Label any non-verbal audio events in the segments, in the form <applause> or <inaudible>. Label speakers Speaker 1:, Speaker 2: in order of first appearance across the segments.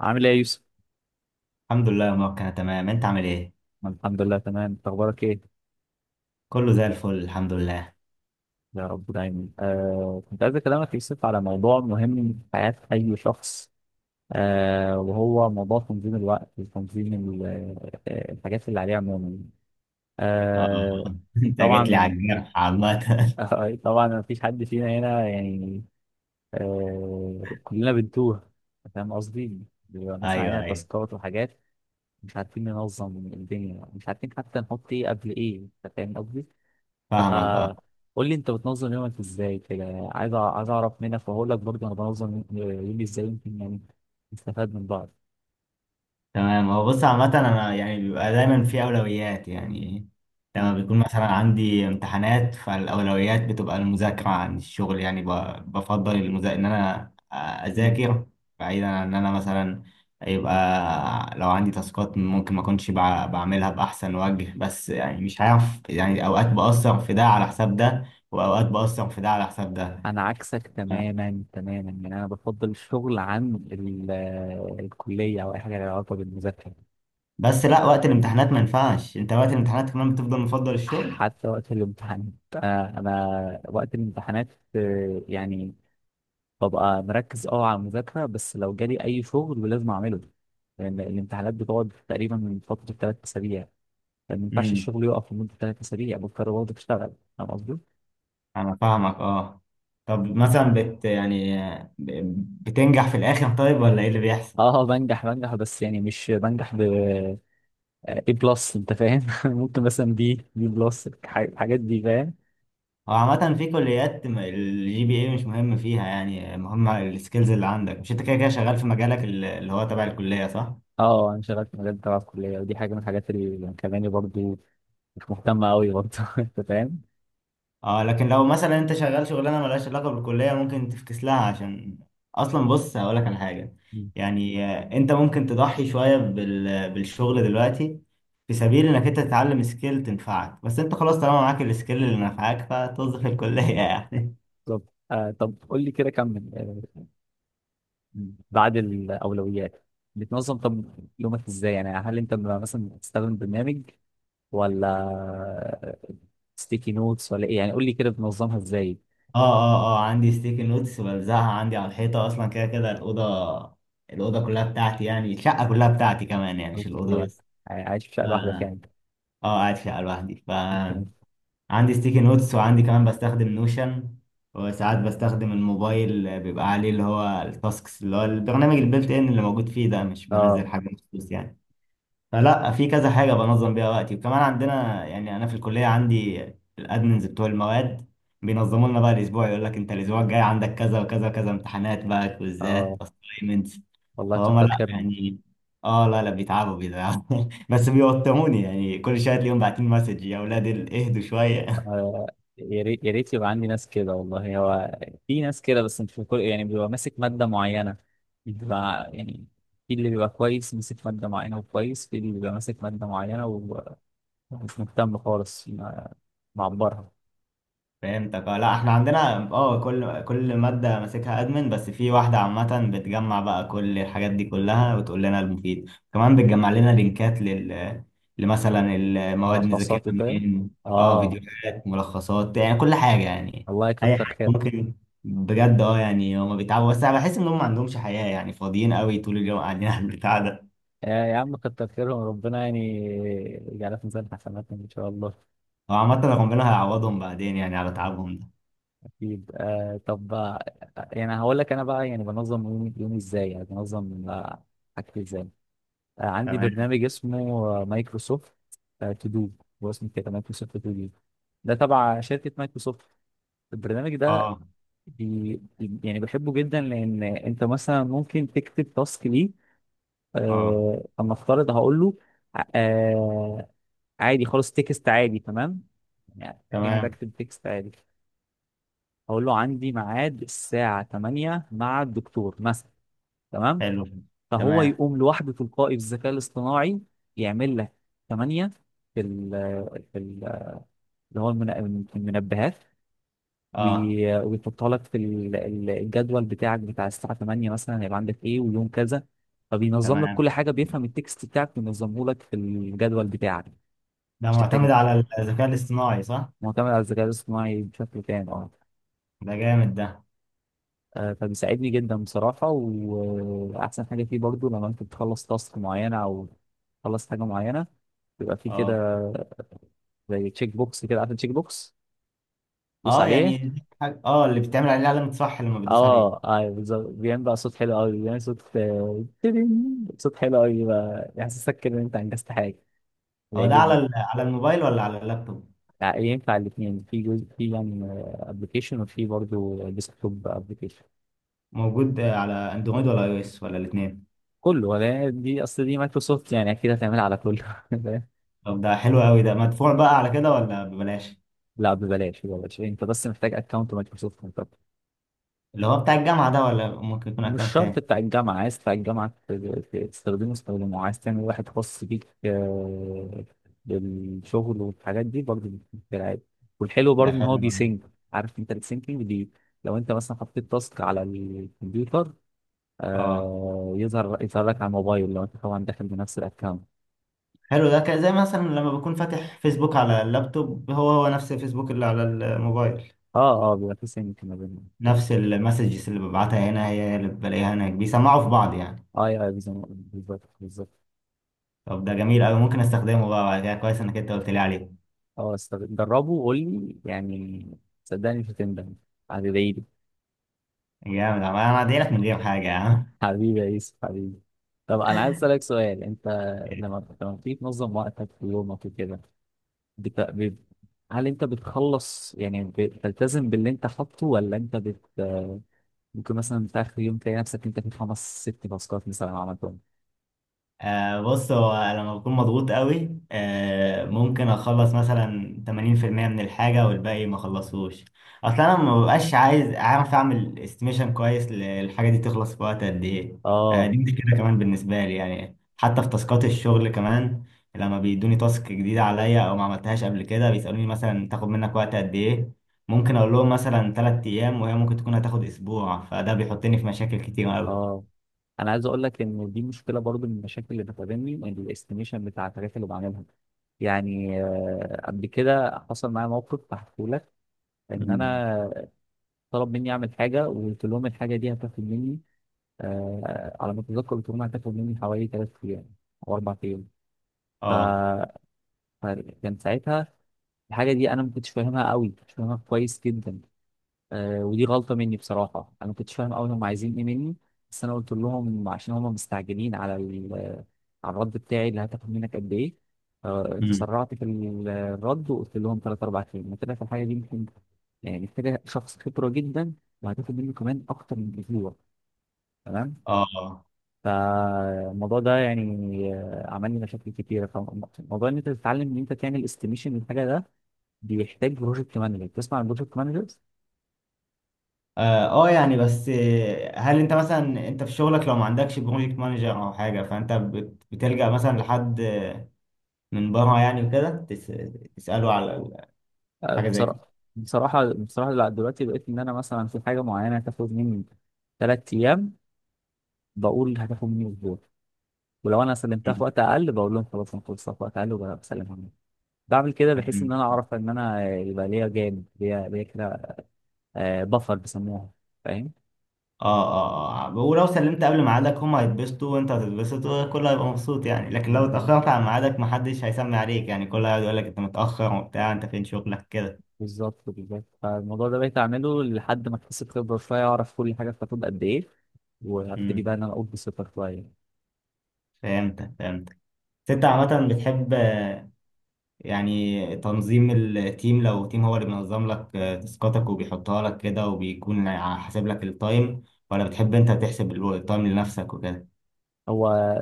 Speaker 1: عامل ايه يا يوسف؟
Speaker 2: الحمد لله يا مروان، انا تمام. انت عامل ايه؟
Speaker 1: أنا الحمد لله تمام، انت اخبارك ايه؟
Speaker 2: كله زي الفل الحمد لله.
Speaker 1: يا رب دايما. كنت عايز اكلمك يا يوسف على موضوع مهم في حياة اي شخص. وهو موضوع تنظيم الوقت وتنظيم الحاجات اللي عليه عموما.
Speaker 2: اه
Speaker 1: آه
Speaker 2: <laughs> انت جيت لي
Speaker 1: طبعا.
Speaker 2: على الجرح عامة.
Speaker 1: <laughs> طبعا، ما فيش حد فينا هنا يعني. كلنا بنتوه. فاهم قصدي؟ بيبقى
Speaker 2: <laughs>
Speaker 1: مثلا
Speaker 2: ايوه
Speaker 1: علينا
Speaker 2: ايوه.
Speaker 1: تاسكات وحاجات، مش عارفين ننظم الدنيا، مش عارفين حتى نحط ايه قبل ايه. أنت فاهم قصدي؟
Speaker 2: فاهمك اه.
Speaker 1: آه قول لي انت بتنظم يومك ازاي كده. عايز اعرف منك، واقول لك برضه انا بنظم يومي ازاي يمكن، يعني نستفاد من بعض.
Speaker 2: تمام. هو بص عامة أنا بيبقى دايما في أولويات يعني. لما
Speaker 1: مم.
Speaker 2: بيكون مثلا عندي امتحانات فالأولويات بتبقى المذاكرة عن الشغل، يعني بفضل إن أنا
Speaker 1: مم.
Speaker 2: أذاكر، بعيدا عن إن أنا مثلا يبقى لو عندي تاسكات ممكن ما أكونش بع- بعملها بأحسن وجه، بس يعني مش عارف، يعني أوقات بأثر في ده على حساب ده، وأوقات بأثر في ده على حساب ده.
Speaker 1: انا عكسك تماما تماما، يعني انا بفضل الشغل عن الكليه او اي حاجه لها علاقه بالمذاكره.
Speaker 2: بس لا، وقت الامتحانات ما ينفعش. أنت وقت الامتحانات كمان بتفضل مفضل الشغل؟
Speaker 1: حتى وقت الامتحانات، انا وقت الامتحانات، يعني ببقى مركز على المذاكره، بس لو جالي اي شغل لازم اعمله، لان الامتحانات بتقعد تقريبا من فتره 3 اسابيع. ما ينفعش الشغل يقف لمدة 3 أسابيع، بكرة برضه تشتغل. فاهم قصدي؟
Speaker 2: انا فاهمك اه. طب مثلا بت يعني، بتنجح في الاخر طيب، ولا ايه اللي بيحصل؟
Speaker 1: اه، بنجح بنجح، بس يعني مش بنجح A بلس. أنت فاهم؟ <laughs> ممكن مثلا بي بلس، الحاجات دي، فاهم؟
Speaker 2: هو عامة في كليات الجي بي اي مش مهم فيها، يعني مهم السكيلز اللي عندك. مش انت كده كده شغال في مجالك، اللي هو تبع الكلية، صح؟
Speaker 1: اه، أنا شغال في مجال تبع الكلية، ودي حاجة من الحاجات اللي مخلاني برضه مش مهتم أوي برضه. <laughs> أنت فاهم؟
Speaker 2: اه، لكن لو مثلا انت شغال شغلانه ملهاش علاقه بالكليه ممكن تفكس لها، عشان اصلا بص هقولك على حاجه.
Speaker 1: مم.
Speaker 2: يعني انت ممكن تضحي شويه بالشغل دلوقتي في سبيل انك انت تتعلم سكيل تنفعك، بس انت خلاص طالما معاك السكيل اللي نفعك فتوظف الكليه يعني.
Speaker 1: طب طب قول لي كده كمل. بعد الأولويات بتنظم، طب، يومك ازاي؟ يعني هل انت مثلا بتستخدم برنامج، ولا ستيكي نوتس، ولا ايه؟ يعني قول لي كده بتنظمها ازاي.
Speaker 2: <laughs> اه عندي ستيكي نوتس بلزقها عندي على الحيطه، اصلا كده كده الاوضه كلها بتاعتي، يعني الشقه كلها بتاعتي كمان، يعني مش الاوضه
Speaker 1: أوكي.
Speaker 2: بس.
Speaker 1: عايش في شقه لوحدك
Speaker 2: اه،
Speaker 1: يعني؟
Speaker 2: قاعد في شقه لوحدي. ف
Speaker 1: ممكن. إيه؟
Speaker 2: عندي ستيكي نوتس، وعندي كمان بستخدم نوشن، وساعات بستخدم الموبايل، بيبقى عليه اللي هو التاسكس اللي هو البرنامج البلت ان اللي موجود فيه ده، مش
Speaker 1: اه
Speaker 2: بنزل حاجة مخصوص يعني. فلا، في كذا حاجة بنظم بيها وقتي. وكمان عندنا، يعني أنا في الكلية، عندي الأدمنز بتوع المواد بينظموا لنا بقى الأسبوع، يقول لك أنت الأسبوع الجاي عندك كذا وكذا وكذا، امتحانات بقى، كويزات،
Speaker 1: اه.
Speaker 2: أسايمنتس.
Speaker 1: والله
Speaker 2: فهم
Speaker 1: كتر
Speaker 2: لا
Speaker 1: خيرهم.
Speaker 2: يعني، اه لا لا، بيتعبوا <laughs> بس بيوتروني يعني. كل شويه تلاقيهم باعتين مسج، يا اولاد اهدوا شويه.
Speaker 1: آه يا ريت يا ريت يبقى عندي ناس كده، والله. هو في ناس كده بس مش في كل، يعني بيبقى ماسك ماده معينه، بيبقى يعني في اللي بيبقى كويس ماسك ماده معينه، وكويس. في اللي بيبقى ماسك ماده معينه ومش مهتم خالص معبرها.
Speaker 2: فهمتك اه. لا احنا عندنا، اه كل مادة ماسكها ادمن، بس في واحدة عامة بتجمع بقى كل الحاجات دي كلها وتقول لنا المفيد، كمان بتجمع لنا لينكات لمثلا المواد نذاكرها
Speaker 1: ملخصات وكده.
Speaker 2: منين. اه،
Speaker 1: اه.
Speaker 2: فيديوهات، ملخصات، يعني كل حاجة يعني،
Speaker 1: الله
Speaker 2: اي
Speaker 1: يكتر
Speaker 2: حاجة
Speaker 1: خيرهم.
Speaker 2: ممكن. بجد اه، يعني هما بيتعبوا، بس انا بحس ان هم ما عندهمش حياة يعني، فاضيين قوي طول اليوم قاعدين <laughs> على البتاع ده.
Speaker 1: يا عم، كتر خيرهم، ربنا يعني يجعلها في ميزان حسناتهم ان شاء الله.
Speaker 2: هو عامة ربنا هيعوضهم بعدين يعني على تعبهم ده.
Speaker 1: اكيد. طب يعني هقول لك انا بقى يعني بنظم يومي يومي ازاي، يعني بنظم حاجتي ازاي. عندي
Speaker 2: تمام.
Speaker 1: برنامج اسمه مايكروسوفت تو دو. هو اسمه كده مايكروسوفت تو دو، ده تبع شركة مايكروسوفت البرنامج ده.
Speaker 2: اه.
Speaker 1: يعني بحبه جدا، لان انت مثلا ممكن تكتب تاسك ليه.
Speaker 2: اه.
Speaker 1: اما افترض هقول له. آه عادي خالص، تكست عادي، تمام، يعني
Speaker 2: تمام.
Speaker 1: بكتب تكست عادي. اقول له عندي ميعاد الساعه 8 مع الدكتور مثلا، تمام.
Speaker 2: حلو.
Speaker 1: فهو
Speaker 2: تمام.
Speaker 1: يقوم لوحده تلقائي بالذكاء الاصطناعي، يعمل لك 8 في ال، في ال- في المنبهات.
Speaker 2: اه.
Speaker 1: ويحطها لك في الجدول بتاعك بتاع الساعه 8، مثلا هيبقى عندك ايه ويوم كذا. فبينظم لك
Speaker 2: تمام.
Speaker 1: كل حاجه، بيفهم التكست بتاعك وينظمه لك في الجدول بتاعك.
Speaker 2: ده
Speaker 1: مش تحتاج
Speaker 2: معتمد على الذكاء الاصطناعي صح؟
Speaker 1: معتمد على الذكاء الاصطناعي بشكل كامل. اه
Speaker 2: ده جامد ده.
Speaker 1: فبيساعدني جدا بصراحة. وأحسن حاجة فيه برضو، لما أنت بتخلص تاسك معينة أو تخلص حاجة معينة، بيبقى فيه
Speaker 2: اه.
Speaker 1: كده زي تشيك بوكس. كده عارف التشيك بوكس؟ دوس
Speaker 2: اه
Speaker 1: عليه.
Speaker 2: يعني دي حاجة، اه اللي بتعمل عليه علامة صح لما بتدوس عليه.
Speaker 1: اه اه بالظبط، بيعمل بقى صوت حلو قوي، بيعمل صوت تدين. صوت حلو قوي بقى، يحسسك كده ان انت انجزت حاجه.
Speaker 2: هو ده على
Speaker 1: بيعجبني.
Speaker 2: على الموبايل ولا على اللابتوب؟
Speaker 1: ينفع الاثنين، في جزء في يعني ابلكيشن، وفي برضه ديسكتوب ابلكيشن.
Speaker 2: موجود آه، على اندرويد ولا اي او اس ولا الاثنين؟
Speaker 1: كله، ولا دي اصل دي مايكروسوفت، يعني اكيد هتعملها على كله. <laughs>
Speaker 2: طب ده حلو قوي. ده مدفوع بقى على كده ولا ببلاش؟
Speaker 1: لا ببلاش ببلاش، انت بس محتاج اكونت مايكروسوفت انت.
Speaker 2: اللي هو بتاع الجامعة ده ولا ممكن يكون
Speaker 1: مش
Speaker 2: اكونت
Speaker 1: شرط
Speaker 2: تاني؟
Speaker 1: بتاع الجامعه، عايز بتاع الجامعه تستخدمه استخدمه، عايز تعمل واحد خاص بيك بالشغل والحاجات دي برضه، في العادي. والحلو
Speaker 2: ده
Speaker 1: برضه ان هو
Speaker 2: حلو أوي.
Speaker 1: بيسync. عارف انت السينكينج دي؟ لو انت مثلا حطيت تاسك على الكمبيوتر،
Speaker 2: اه.
Speaker 1: يظهر لك على الموبايل، لو انت طبعا داخل بنفس الاكونت.
Speaker 2: حلو، ده كده زي مثلا لما بكون فاتح فيسبوك على اللابتوب، هو هو نفس الفيسبوك اللي على الموبايل.
Speaker 1: اه اه، بيبقى في سينك ما بينهم.
Speaker 2: نفس المسجز اللي ببعتها هنا هي اللي بلاقيها هناك، بيسمعوا في بعض يعني.
Speaker 1: اه يا، بالظبط بالظبط.
Speaker 2: طب ده جميل قوي، ممكن استخدمه بقى بعد كده. كويس انك انت قلت لي عليه.
Speaker 1: اه، جربه وقول لي يعني، صدقني مش هتندم، هتدعي لي.
Speaker 2: جامد انا هدعي لك من غير حاجه يا عم.
Speaker 1: حبيبي يا يوسف، حبيبي. طب، انا عايز اسالك سؤال انت، لما بتيجي تنظم وقتك في يومك وكده، بت... ب... هل انت بتخلص، يعني بتلتزم باللي انت حاطه، ولا انت ممكن مثلا في اخر يوم تلاقي نفسك انت في خمس ست تاسكات مثلا عملتهم.
Speaker 2: آه بص، هو لما بكون مضغوط قوي آه ممكن اخلص مثلا 80% من الحاجة والباقي ما اخلصهوش. اصلا انا ما ببقاش عايز، اعرف اعمل استيميشن كويس للحاجة دي تخلص في وقت قد ايه. آه
Speaker 1: اه
Speaker 2: دي مشكلة كمان بالنسبة لي يعني، حتى في تاسكات الشغل كمان، لما بيدوني تاسك جديدة عليا او ما عملتهاش قبل كده بيسألوني مثلا تاخد منك وقت قد ايه، ممكن اقول لهم مثلا 3 ايام وهي ممكن تكون هتاخد اسبوع، فده بيحطني في مشاكل كتير قوي.
Speaker 1: اه، انا عايز اقول لك ان دي مشكله برضو من المشاكل اللي بتقابلني، ان الاستيميشن بتاع الحاجات اللي بعملها، يعني قبل كده حصل معايا موقف هحكيه لك، ان
Speaker 2: مم.
Speaker 1: انا طلب مني اعمل حاجه، وقلت لهم الحاجه دي هتاخد مني، على ما اتذكر قلت لهم هتاخد مني حوالي 3 ايام او 4 ايام. ف...
Speaker 2: اه.
Speaker 1: فكان ساعتها الحاجه دي انا ما كنتش فاهمها قوي، مش فاهمها كويس جدا. ودي غلطة مني بصراحة، أنا ما كنتش فاهم أوي هم عايزين إيه مني، بس أنا قلت لهم عشان هم مستعجلين على على الرد بتاعي، اللي هتاخد منك قد إيه.
Speaker 2: مم.
Speaker 1: تسرعت في الرد وقلت لهم تلات أربع كلمات، طلع في الحاجة دي ممكن يعني محتاجة شخص خبرة جدا، وهتاخد منه كمان أكتر من أسبوع، تمام.
Speaker 2: اه.
Speaker 1: فالموضوع ده يعني عمل لي مشاكل كتيرة. فموضوع إن أنت تتعلم إن أنت تعمل استيميشن للحاجة ده، بيحتاج بروجكت مانجر. تسمع عن بروجكت مانجر؟
Speaker 2: اه آه، يعني بس آه، هل انت مثلا انت في شغلك لو ما عندكش بروجكت مانجر او حاجه، فانت بتلجأ مثلا لحد آه، من بره يعني وكده، تسأله على حاجه زي كده؟
Speaker 1: بصراحة بصراحة بصراحة لا، دلوقتي بقيت إن أنا مثلا في حاجة معينة هتاخد مني 3 أيام، بقول هتاخد مني أسبوع. ولو أنا سلمتها في
Speaker 2: مم.
Speaker 1: وقت أقل، بقول لهم خلاص أنا خلصتها في وقت أقل، وبسلمها مني. بعمل كده بحيث إن
Speaker 2: مم.
Speaker 1: أنا أعرف إن أنا يبقى ليا جانب، ليا كده. بفر بيسموها، فاهم؟
Speaker 2: اه اه اه، ولو سلمت قبل ميعادك هم هيتبسطوا وانت هتتبسط وكله هيبقى مبسوط يعني، لكن لو
Speaker 1: بالظبط
Speaker 2: اتأخرت عن ميعادك محدش هيسمي عليك يعني، كله هيقعد يقول لك انت متأخر وبتاع، انت فين شغلك كده.
Speaker 1: بالظبط. فالموضوع ده بقيت أعمله لحد ما أكتسب خبرة شوية، أعرف كل حاجة بتاخد قد إيه، وهبتدي بقى
Speaker 2: مم.
Speaker 1: إن أنا أقول بثقة شوية.
Speaker 2: فهمتك فهمتك. بس انت عامة بتحب يعني تنظيم التيم، لو تيم هو اللي بينظم لك آه، تاسكاتك وبيحطها لك كده وبيكون حاسب لك التايم، ولا بتحب انت تحسب التايم لنفسك وكده؟
Speaker 1: هو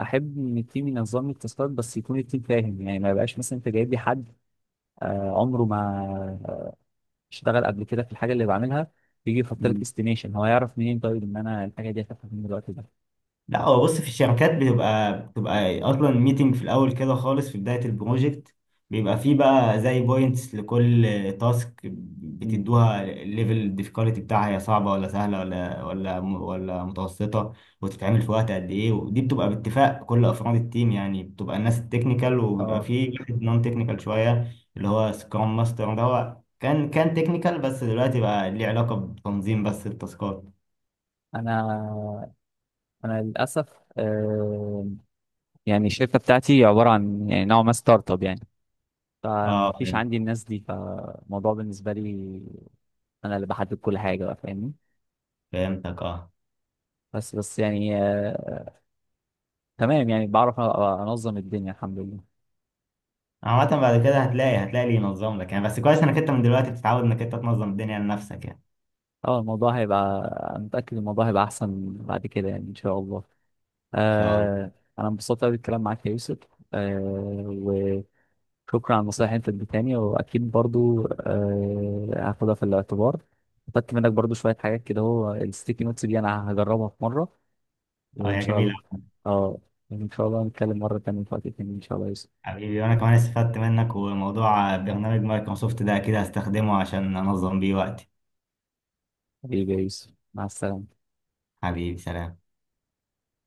Speaker 1: احب ان التيم ينظم لي التاسكات، بس يكون التيم فاهم، يعني ما يبقاش مثلا انت جايب لي حد عمره ما اشتغل قبل كده في الحاجه اللي بعملها، بيجي يحط لك استيميشن. هو يعرف منين طيب ان انا الحاجه دي هتاخد من الوقت ده؟
Speaker 2: لا هو بص، في الشركات بتبقى اصلا ميتنج في الاول كده خالص في بدايه البروجكت، بيبقى فيه بقى زي بوينتس لكل تاسك
Speaker 1: مم.
Speaker 2: بتدوها، الليفل الديفيكالتي بتاعها، هي صعبه ولا سهله ولا متوسطه، وتتعمل في وقت قد ايه. ودي بتبقى باتفاق كل افراد التيم، يعني بتبقى الناس التكنيكال، وبيبقى
Speaker 1: اه،
Speaker 2: فيه واحد نون تكنيكال شويه اللي هو سكرام ماستر ده، هو كان تكنيكال بس دلوقتي بقى ليه علاقه بتنظيم بس التاسكات.
Speaker 1: انا انا للاسف يعني الشركه بتاعتي عباره عن يعني نوع ما ستارت اب يعني. فما
Speaker 2: اه
Speaker 1: فيش
Speaker 2: فهمت.
Speaker 1: عندي الناس دي، فالموضوع بالنسبه لي انا اللي بحدد كل حاجه بقى، فاهمني.
Speaker 2: فهمتك اه.
Speaker 1: بس يعني تمام، يعني بعرف انظم الدنيا الحمد لله.
Speaker 2: عامة بعد كده هتلاقي اللي ينظم لك يعني، بس كويس انك انت من دلوقتي بتتعود انك انت تنظم الدنيا لنفسك يعني.
Speaker 1: اه، الموضوع هيبقى، أنا متأكد الموضوع هيبقى احسن بعد كده يعني ان شاء الله.
Speaker 2: ان شاء الله.
Speaker 1: آه انا انبسطت قوي بالكلام معاك يا يوسف، وشكرا على النصايح اللي انت اديتهاني، واكيد برضو هاخدها في الاعتبار. خدت منك برضو شوية حاجات كده، هو الستيكي نوتس دي انا هجربها في مرة
Speaker 2: اه
Speaker 1: وان
Speaker 2: يا
Speaker 1: شاء
Speaker 2: جميل
Speaker 1: الله.
Speaker 2: أوي.
Speaker 1: اه، ان شاء الله نتكلم مرة تانية في وقت تاني ان شاء الله يا يوسف.
Speaker 2: حبيبي، وانا كمان استفدت منك، وموضوع برنامج مايكروسوفت ده اكيد هستخدمه عشان انظم بيه وقتي.
Speaker 1: حبيبي يا يوسف، مع السلامة.
Speaker 2: حبيبي سلام.